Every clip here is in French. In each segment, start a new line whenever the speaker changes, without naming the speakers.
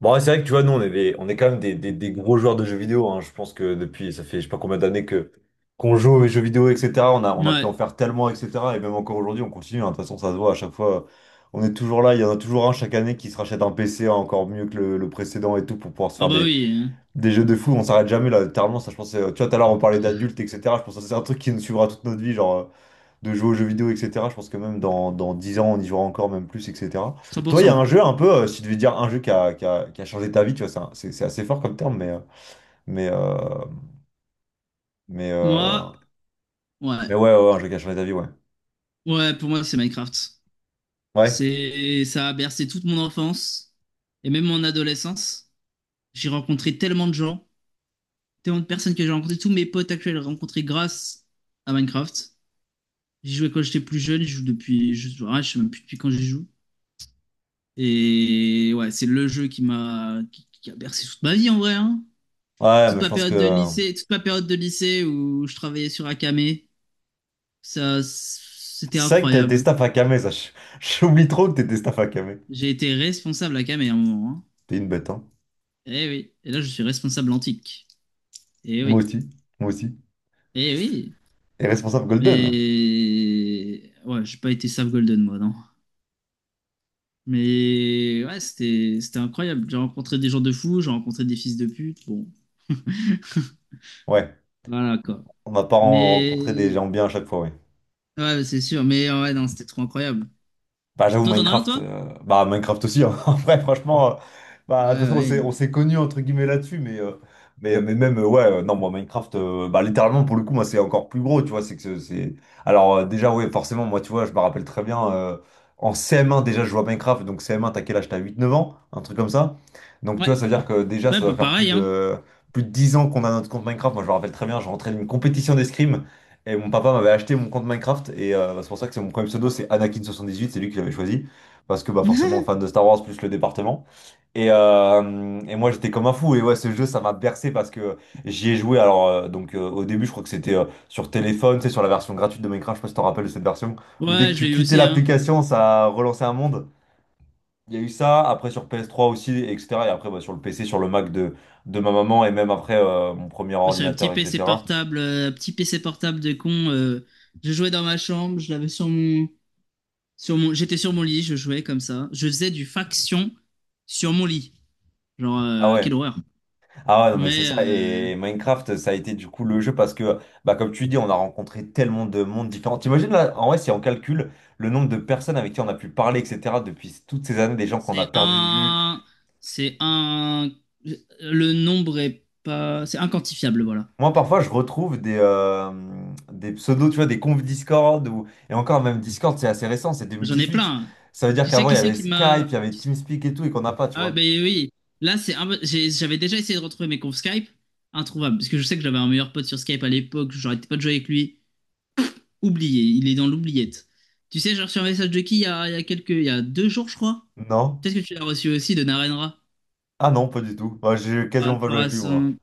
Bon, ouais, c'est vrai que tu vois, nous, on est quand même des gros joueurs de jeux vidéo, hein. Je pense que depuis, ça fait je sais pas combien d'années que qu'on joue aux jeux vidéo, etc. On a pu
Ouais.
en faire tellement, etc. Et même encore aujourd'hui, on continue, hein. De toute façon, ça se voit à chaque fois. On est toujours là. Il y en a toujours un chaque année qui se rachète un PC encore mieux que le précédent et tout pour pouvoir se
Ah
faire
bah
des,
oui, hein.
des jeux de fou. On s'arrête jamais là. Littéralement, ça, je pense, tu vois, tout à l'heure, on parlait d'adultes, etc. Je pense que c'est un truc qui nous suivra toute notre vie. Genre, de jouer aux jeux vidéo, etc. Je pense que même dans 10 ans, on y jouera encore même plus, etc. Toi, il y a
100%.
un jeu un peu, si tu devais dire un jeu qui a changé ta vie, tu vois, c'est assez fort comme terme, mais, euh, mais,
Moi,
euh,
ouais.
mais ouais, ouais, ouais, un jeu qui a changé ta vie, ouais.
Ouais, pour moi, c'est Minecraft.
Ouais,
Ça a bercé toute mon enfance et même mon adolescence. J'ai rencontré tellement de gens, tellement de personnes que j'ai rencontrées. Tous mes potes actuels rencontrés grâce à Minecraft. J'y jouais quand j'étais plus jeune, je joue depuis, je sais même plus depuis quand j'y joue. Et ouais, c'est le jeu qui a bercé toute ma vie en vrai, hein.
ouais,
Toute
mais je
ma
pense que...
période de lycée, toute ma période de lycée où je travaillais sur Akame. Ça, c'était
C'est vrai que t'as été
incroyable.
staff à Camé, ça. J'oublie trop que t'étais staff à Camé.
J'ai été responsable à Camé à un moment, hein.
T'es une bête, hein.
Eh oui. Et là, je suis responsable antique. Eh
Moi
oui.
aussi, moi aussi.
Eh oui.
Et responsable Golden.
Mais. Ouais, j'ai pas été Save Golden, moi, non. Mais ouais, c'était incroyable. J'ai rencontré des gens de fous, j'ai rencontré des fils de pute. Bon,
Ouais,
voilà, quoi.
on n'a pas rencontré des
Mais.
gens bien à chaque fois, ouais.
Ouais, c'est sûr. Mais ouais, non, c'était trop incroyable.
Bah j'avoue
Toi, t'en as un,
Minecraft,
toi?
bah Minecraft aussi, hein. En vrai franchement,
Ouais,
bah de toute façon on s'est
ouais.
on s'est connus entre guillemets là-dessus, mais même ouais, non moi Minecraft, bah littéralement pour le coup moi c'est encore plus gros, tu vois, c'est que c'est... déjà ouais forcément moi tu vois je me rappelle très bien, en CM1 déjà je jouais à Minecraft, donc CM1 t'as quel âge? T'as huit neuf ans, un truc comme ça. Donc tu
Ouais,
vois ça veut dire que déjà
ouais,
ça
un
doit
peu
faire plus
pareil, hein.
de, plus de 10 ans qu'on a notre compte Minecraft. Moi je me rappelle très bien, je rentrais d'une compétition d'escrime, et mon papa m'avait acheté mon compte Minecraft et bah, c'est pour ça que c'est mon premier pseudo, c'est anakin78, c'est lui qui l'avait choisi. Parce que bah forcément fan de Star Wars plus le département. Et moi j'étais comme un fou. Et ouais ce jeu ça m'a bercé parce que j'y ai joué. Alors, au début je crois que c'était sur téléphone, c'est sur la version gratuite de Minecraft, je sais pas si tu te rappelles de cette version, où dès que
Ouais, je
tu
l'ai eu
quittais
aussi, hein.
l'application ça relançait un monde. Il y a eu ça, après sur PS3 aussi, etc. Et après bah, sur le PC, sur le Mac de ma maman et même après mon premier
Ouais, c'est un petit
ordinateur,
PC
etc.
portable, un petit PC portable de con. Je jouais dans ma chambre, je l'avais j'étais sur mon lit, je jouais comme ça. Je faisais du faction sur mon lit. Genre,
Ah
quelle
ouais.
horreur.
Ah ouais, non, mais c'est
Mais
ça. Et Minecraft, ça a été du coup le jeu parce que, bah, comme tu dis, on a rencontré tellement de mondes différents. T'imagines là, en vrai, si on calcule le nombre de personnes avec qui on a pu parler, etc., depuis toutes ces années, des gens qu'on a
c'est
perdu de vue.
un, c'est un, le nombre est pas, c'est inquantifiable, voilà.
Moi, parfois, je retrouve des pseudos, tu vois, des confs Discord, ou... et encore même Discord, c'est assez récent, c'est
J'en ai
2018.
plein.
Ça veut dire
Tu sais
qu'avant, il y
qui c'est
avait
qui
Skype, il
m'a.
y avait TeamSpeak et tout, et qu'on n'a pas, tu
Ah ouais, bah
vois.
oui, là c'est un peu- j'ai- j'avais déjà essayé de retrouver mes confs Skype, introuvable, parce que je sais que j'avais un meilleur pote sur Skype à l'époque, j'arrêtais pas de jouer avec lui, oublié, il est dans l'oubliette. Tu sais, j'ai reçu un message de qui il y a 2 jours je crois.
Non?
Peut-être que tu l'as reçu aussi de Narenra
Ah non, pas du tout. Moi, j'ai
par
quasiment pas joué
rapport à
avec lui, moi.
son,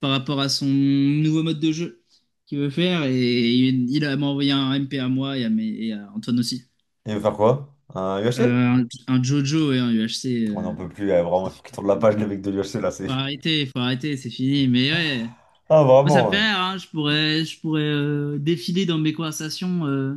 par rapport à son nouveau mode de jeu qu'il veut faire et il a m'a envoyé un MP à moi et à Antoine aussi.
Il veut faire quoi? Un
Euh,
UHC?
un Jojo et un UHC,
On n'en peut plus, eh, vraiment,
ça
il faut
fait-
qu'il tourne la page, le mec de l'UHC, là, c'est...
faut arrêter, c'est fini, mais ouais.
Ah,
Moi, ça
vraiment,
me fait
ouais.
rire, hein. Je pourrais défiler dans mes conversations.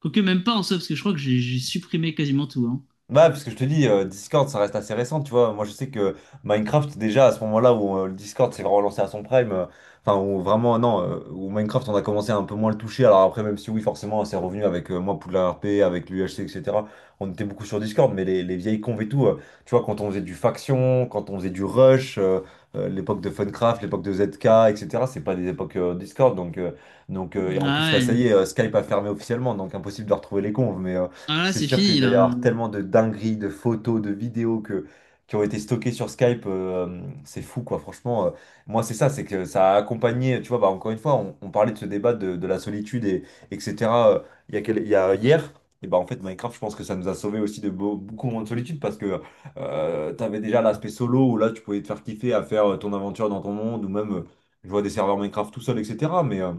Quoique même pas en soi, parce que je crois que j'ai supprimé quasiment tout, hein.
Bah, parce que je te dis, Discord, ça reste assez récent, tu vois. Moi, je sais que Minecraft, déjà, à ce moment-là où le Discord s'est vraiment lancé à son prime, enfin, où vraiment, non, où Minecraft, on a commencé à un peu moins le toucher. Alors après, même si oui, forcément, c'est revenu avec moi, Poudlard RP, avec l'UHC, etc. On était beaucoup sur Discord, mais les vieilles convs et tout, tu vois, quand on faisait du Faction, quand on faisait du Rush, l'époque de Funcraft, l'époque de ZK, etc., c'est pas des époques Discord, donc, et en
Ah
plus, là,
ouais.
ça y est, Skype a fermé officiellement, donc impossible de retrouver les convs,
Ah là,
c'est
c'est
sûr qu'il
fini,
doit y
là.
avoir tellement de dingueries, de photos, de vidéos que, qui ont été stockées sur Skype. C'est fou, quoi. Franchement, moi, c'est ça, c'est que ça a accompagné, tu vois, bah, encore une fois, on parlait de ce débat de la solitude, et, etc. euh, il y a, il y a hier. Et bah en fait, Minecraft, je pense que ça nous a sauvé aussi de beaucoup moins de solitude parce que t'avais déjà l'aspect solo où là, tu pouvais te faire kiffer à faire ton aventure dans ton monde ou même, je vois des serveurs Minecraft tout seul, etc. Mais, euh,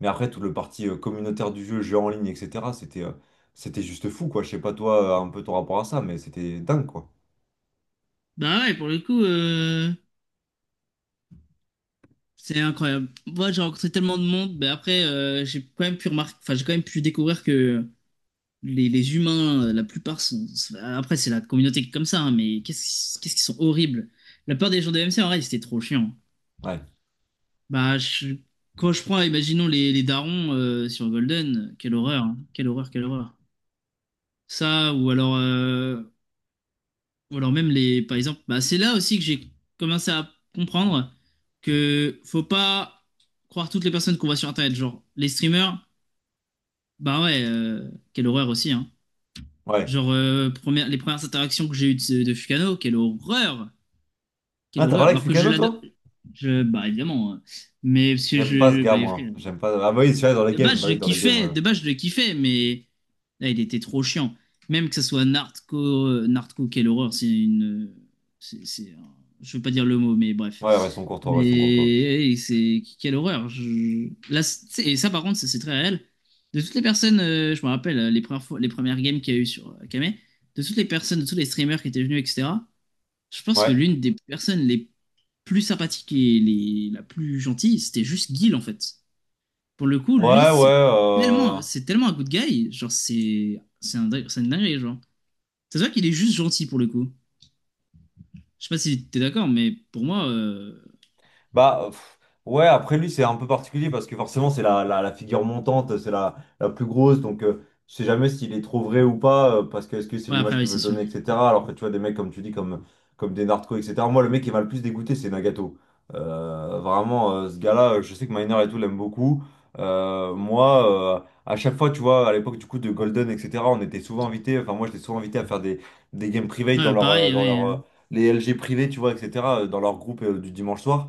mais après, tout le parti communautaire du jeu, jeu en ligne, etc., c'était c'était juste fou, quoi. Je sais pas, toi, un peu ton rapport à ça, mais c'était dingue, quoi.
Bah ouais, pour le coup, c'est incroyable. Moi, j'ai rencontré tellement de monde, mais après, j'ai quand même pu remarquer, enfin, j'ai quand même pu découvrir que les humains, la plupart sont. Après, c'est la communauté qui est comme ça, hein, mais qu'est-ce qu'ils sont horribles. La peur des gens de MC, en vrai, c'était trop chiant.
Ouais,
Bah, quand je prends, imaginons les darons sur Golden, quelle horreur, hein. Quelle horreur, quelle horreur. Ça, ou alors même les, par exemple, bah, c'est là aussi que j'ai commencé à comprendre que faut pas croire toutes les personnes qu'on voit sur Internet. Genre, les streamers, bah ouais, quelle horreur aussi, hein.
ouais.
Genre, les premières interactions que j'ai eues de Fukano, quelle horreur,
Ah,
quelle
t'as
horreur.
parlé avec
Alors que je
Lucano,
l'adore,
toi?
bah évidemment, mais parce que
J'aime
je,
pas ce
je bah,
gars, moi.
frère.
J'aime pas. Ah, bah oui, celui-là, dans les
De
games.
base,
Bah
je le
oui, dans les games.
kiffais, de base, je le kiffais, mais là, il était trop chiant. Même que ce soit Nartco, quelle horreur. C'est une. C'est un- Je veux pas dire le mot, mais bref.
Ouais, restons courtois,
Mais
restons courtois.
hey, c'est quelle horreur. Là, et ça, par contre, c'est très réel. De toutes les personnes, je me rappelle les premières fois, les premières games qu'il y a eu sur Kame, de toutes les personnes, de tous les streamers qui étaient venus, etc. Je pense que
Ouais.
l'une des personnes les plus sympathiques et la plus gentille, c'était juste Guil en fait. Pour le coup, lui,
Ouais, ouais.
c'est tellement, c'est tellement un good guy. Genre, c'est une dinguerie, genre. Ça se voit qu'il est juste gentil pour le coup. Je sais pas si t'es d'accord, mais pour moi,
Bah, pff, ouais, après lui, c'est un peu particulier parce que forcément, c'est la figure montante, c'est la plus grosse. Donc, je sais jamais s'il est trop vrai ou pas, parce que est-ce que c'est
ouais, après,
l'image
oui,
qu'il veut
c'est
se
sûr.
donner, etc. Alors que tu vois, des mecs, comme tu dis, comme des narcos, etc. Moi, le mec qui m'a le plus dégoûté, c'est Nagato. Vraiment, ce gars-là, je sais que Miner et tout l'aime beaucoup. Moi, à chaque fois, tu vois, à l'époque du coup de Golden, etc., on était souvent invités, enfin, moi, j'étais souvent invité à faire des games privés,
Ouais, pareil, oui, hein.
les LG privés, tu vois, etc., dans leur groupe du dimanche soir.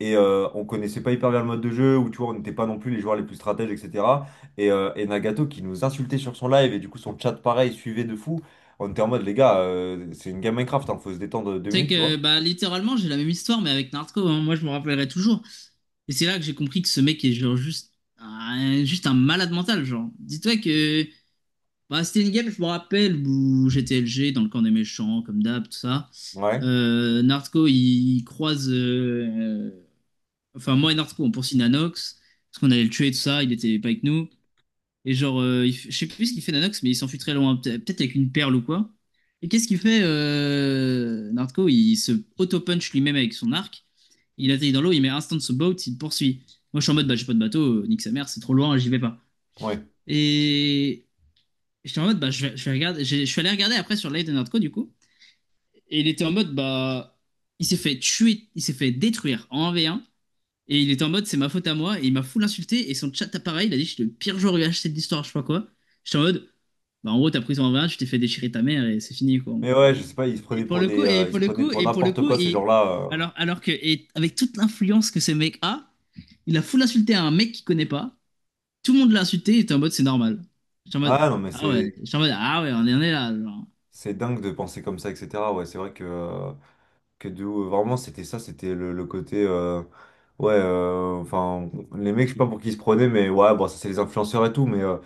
Et on connaissait pas hyper bien le mode de jeu, où tu vois, on n'était pas non plus les joueurs les plus stratèges, etc. Et Nagato qui nous insultait sur son live, et du coup son chat pareil suivait de fou. On était en mode, les gars, c'est une game Minecraft, hein, faut se détendre deux
C'est
minutes, tu
que,
vois.
bah, littéralement, j'ai la même histoire, mais avec Naruto, hein. Moi, je me rappellerai toujours. Et c'est là que j'ai compris que ce mec est genre juste, juste un malade mental, genre. Dis-toi que, bah, c'était une game, je me rappelle, où j'étais LG dans le camp des méchants, comme d'hab, tout ça.
Ouais,
Naruto, il croise enfin, moi et Narco, on poursuit Nanox, parce qu'on allait le tuer, tout ça, il était pas avec nous. Et genre, je sais plus ce qu'il fait Nanox, mais il s'enfuit très loin, peut-être avec une perle ou quoi. Et qu'est-ce qu'il fait Narco, il se auto-punch lui-même avec son arc. Il atterrit dans l'eau, il met instant ce boat, il poursuit. Moi, je suis en mode, bah, j'ai pas de bateau, nique sa mère, c'est trop loin, j'y vais pas.
ouais.
Et j'étais en mode, bah, je vais regarder, je suis allé regarder après sur live de Nardco du coup. Et il était en mode, bah, il s'est fait tuer, il s'est fait détruire en 1v1. Et il était en mode, c'est ma faute à moi, et il m'a full insulté, et son chat appareil, il a dit, je suis le pire joueur UHC de l'histoire, je sais pas quoi. J'étais en mode, bah en gros, t'as pris ton 20, tu t'es fait déchirer ta mère, et c'est fini, quoi, en
Mais
gros.
ouais, je sais pas, ils se
Et
prenaient
pour
pour
le coup, et
ils
pour
se
le
prenaient
coup,
pour
et pour le
n'importe
coup,
quoi, ces
et
gens-là.
alors que, et avec toute l'influence que ce mec a, il a full insulté à un mec qu'il connaît pas, tout le monde l'a insulté, il était en mode, c'est normal. J'étais en
Ah
mode,
non, mais
ah ouais, j'étais en mode, ah ouais, on est là, genre.
c'est dingue de penser comme ça, etc. Ouais, c'est vrai que. Que de ouf. Vraiment, c'était ça, c'était le côté. Ouais, enfin, les mecs, je sais pas pour qui ils se prenaient, mais ouais, bon, ça, c'est les influenceurs et tout, mais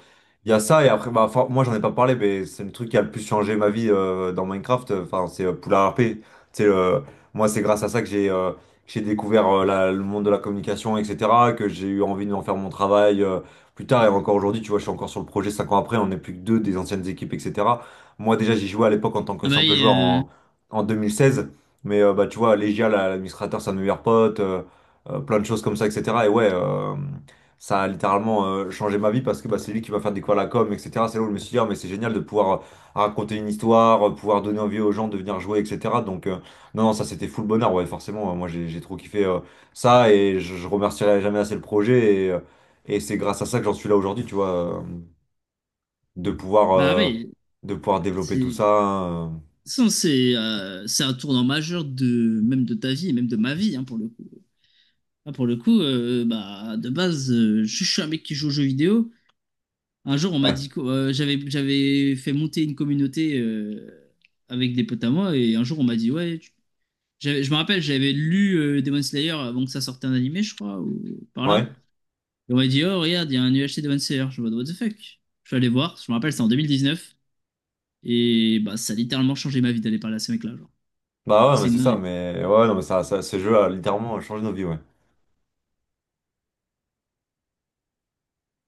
il y a ça, et après, bah, enfin, moi, j'en ai pas parlé, mais c'est le truc qui a le plus changé ma vie dans Minecraft, enfin, c'est Poulard RP. Tu sais, moi, c'est grâce à ça que j'ai découvert le monde de la communication, etc., que j'ai eu envie d'en faire mon travail plus tard, et encore aujourd'hui, tu vois, je suis encore sur le projet 5 ans après, on n'est plus que deux des anciennes équipes, etc. Moi, déjà, j'y jouais à l'époque en tant que
Ah
simple joueur en 2016, mais bah, tu vois, Legia, l'administrateur, c'est un de mes meilleurs potes, plein de choses comme ça, etc. Et ouais, ça a littéralement changé ma vie parce que bah, c'est lui qui m'a fait découvrir la com, etc. C'est là où je me suis dit, ah, mais c'est génial de pouvoir raconter une histoire, pouvoir donner envie aux gens de venir jouer, etc. Donc, non, non, ça c'était full bonheur, ouais, forcément. Moi, j'ai trop kiffé ça et je remercierai jamais assez le projet. Et c'est grâce à ça que j'en suis là aujourd'hui, tu vois, de pouvoir,
bah
euh,
oui,
de pouvoir développer tout
c'est, de
ça, hein,
toute façon, c'est un tournant majeur de, même de ta vie, et même de ma vie, hein, pour le coup. Ah, pour le coup, bah, de base, je, suis un mec qui joue aux jeux vidéo. Un jour, on m'a
ouais,
dit que j'avais fait monter une communauté avec des potes à moi, et un jour, on m'a dit, ouais, je me rappelle, j'avais lu Demon Slayer avant que ça sorte un animé, je crois, ou par
ouais.
là. Et on m'a dit, oh, regarde, il y a un UHC Demon Slayer. Je me dis, what the fuck? Je suis allé voir, je me rappelle, c'était en 2019, et bah, ça a littéralement changé ma vie d'aller parler à ce mec-là, genre.
Bah ouais, mais
C'est une
c'est ça,
dinguerie.
mais ouais, ouais, non, mais ce jeu a littéralement changé nos vies, ouais.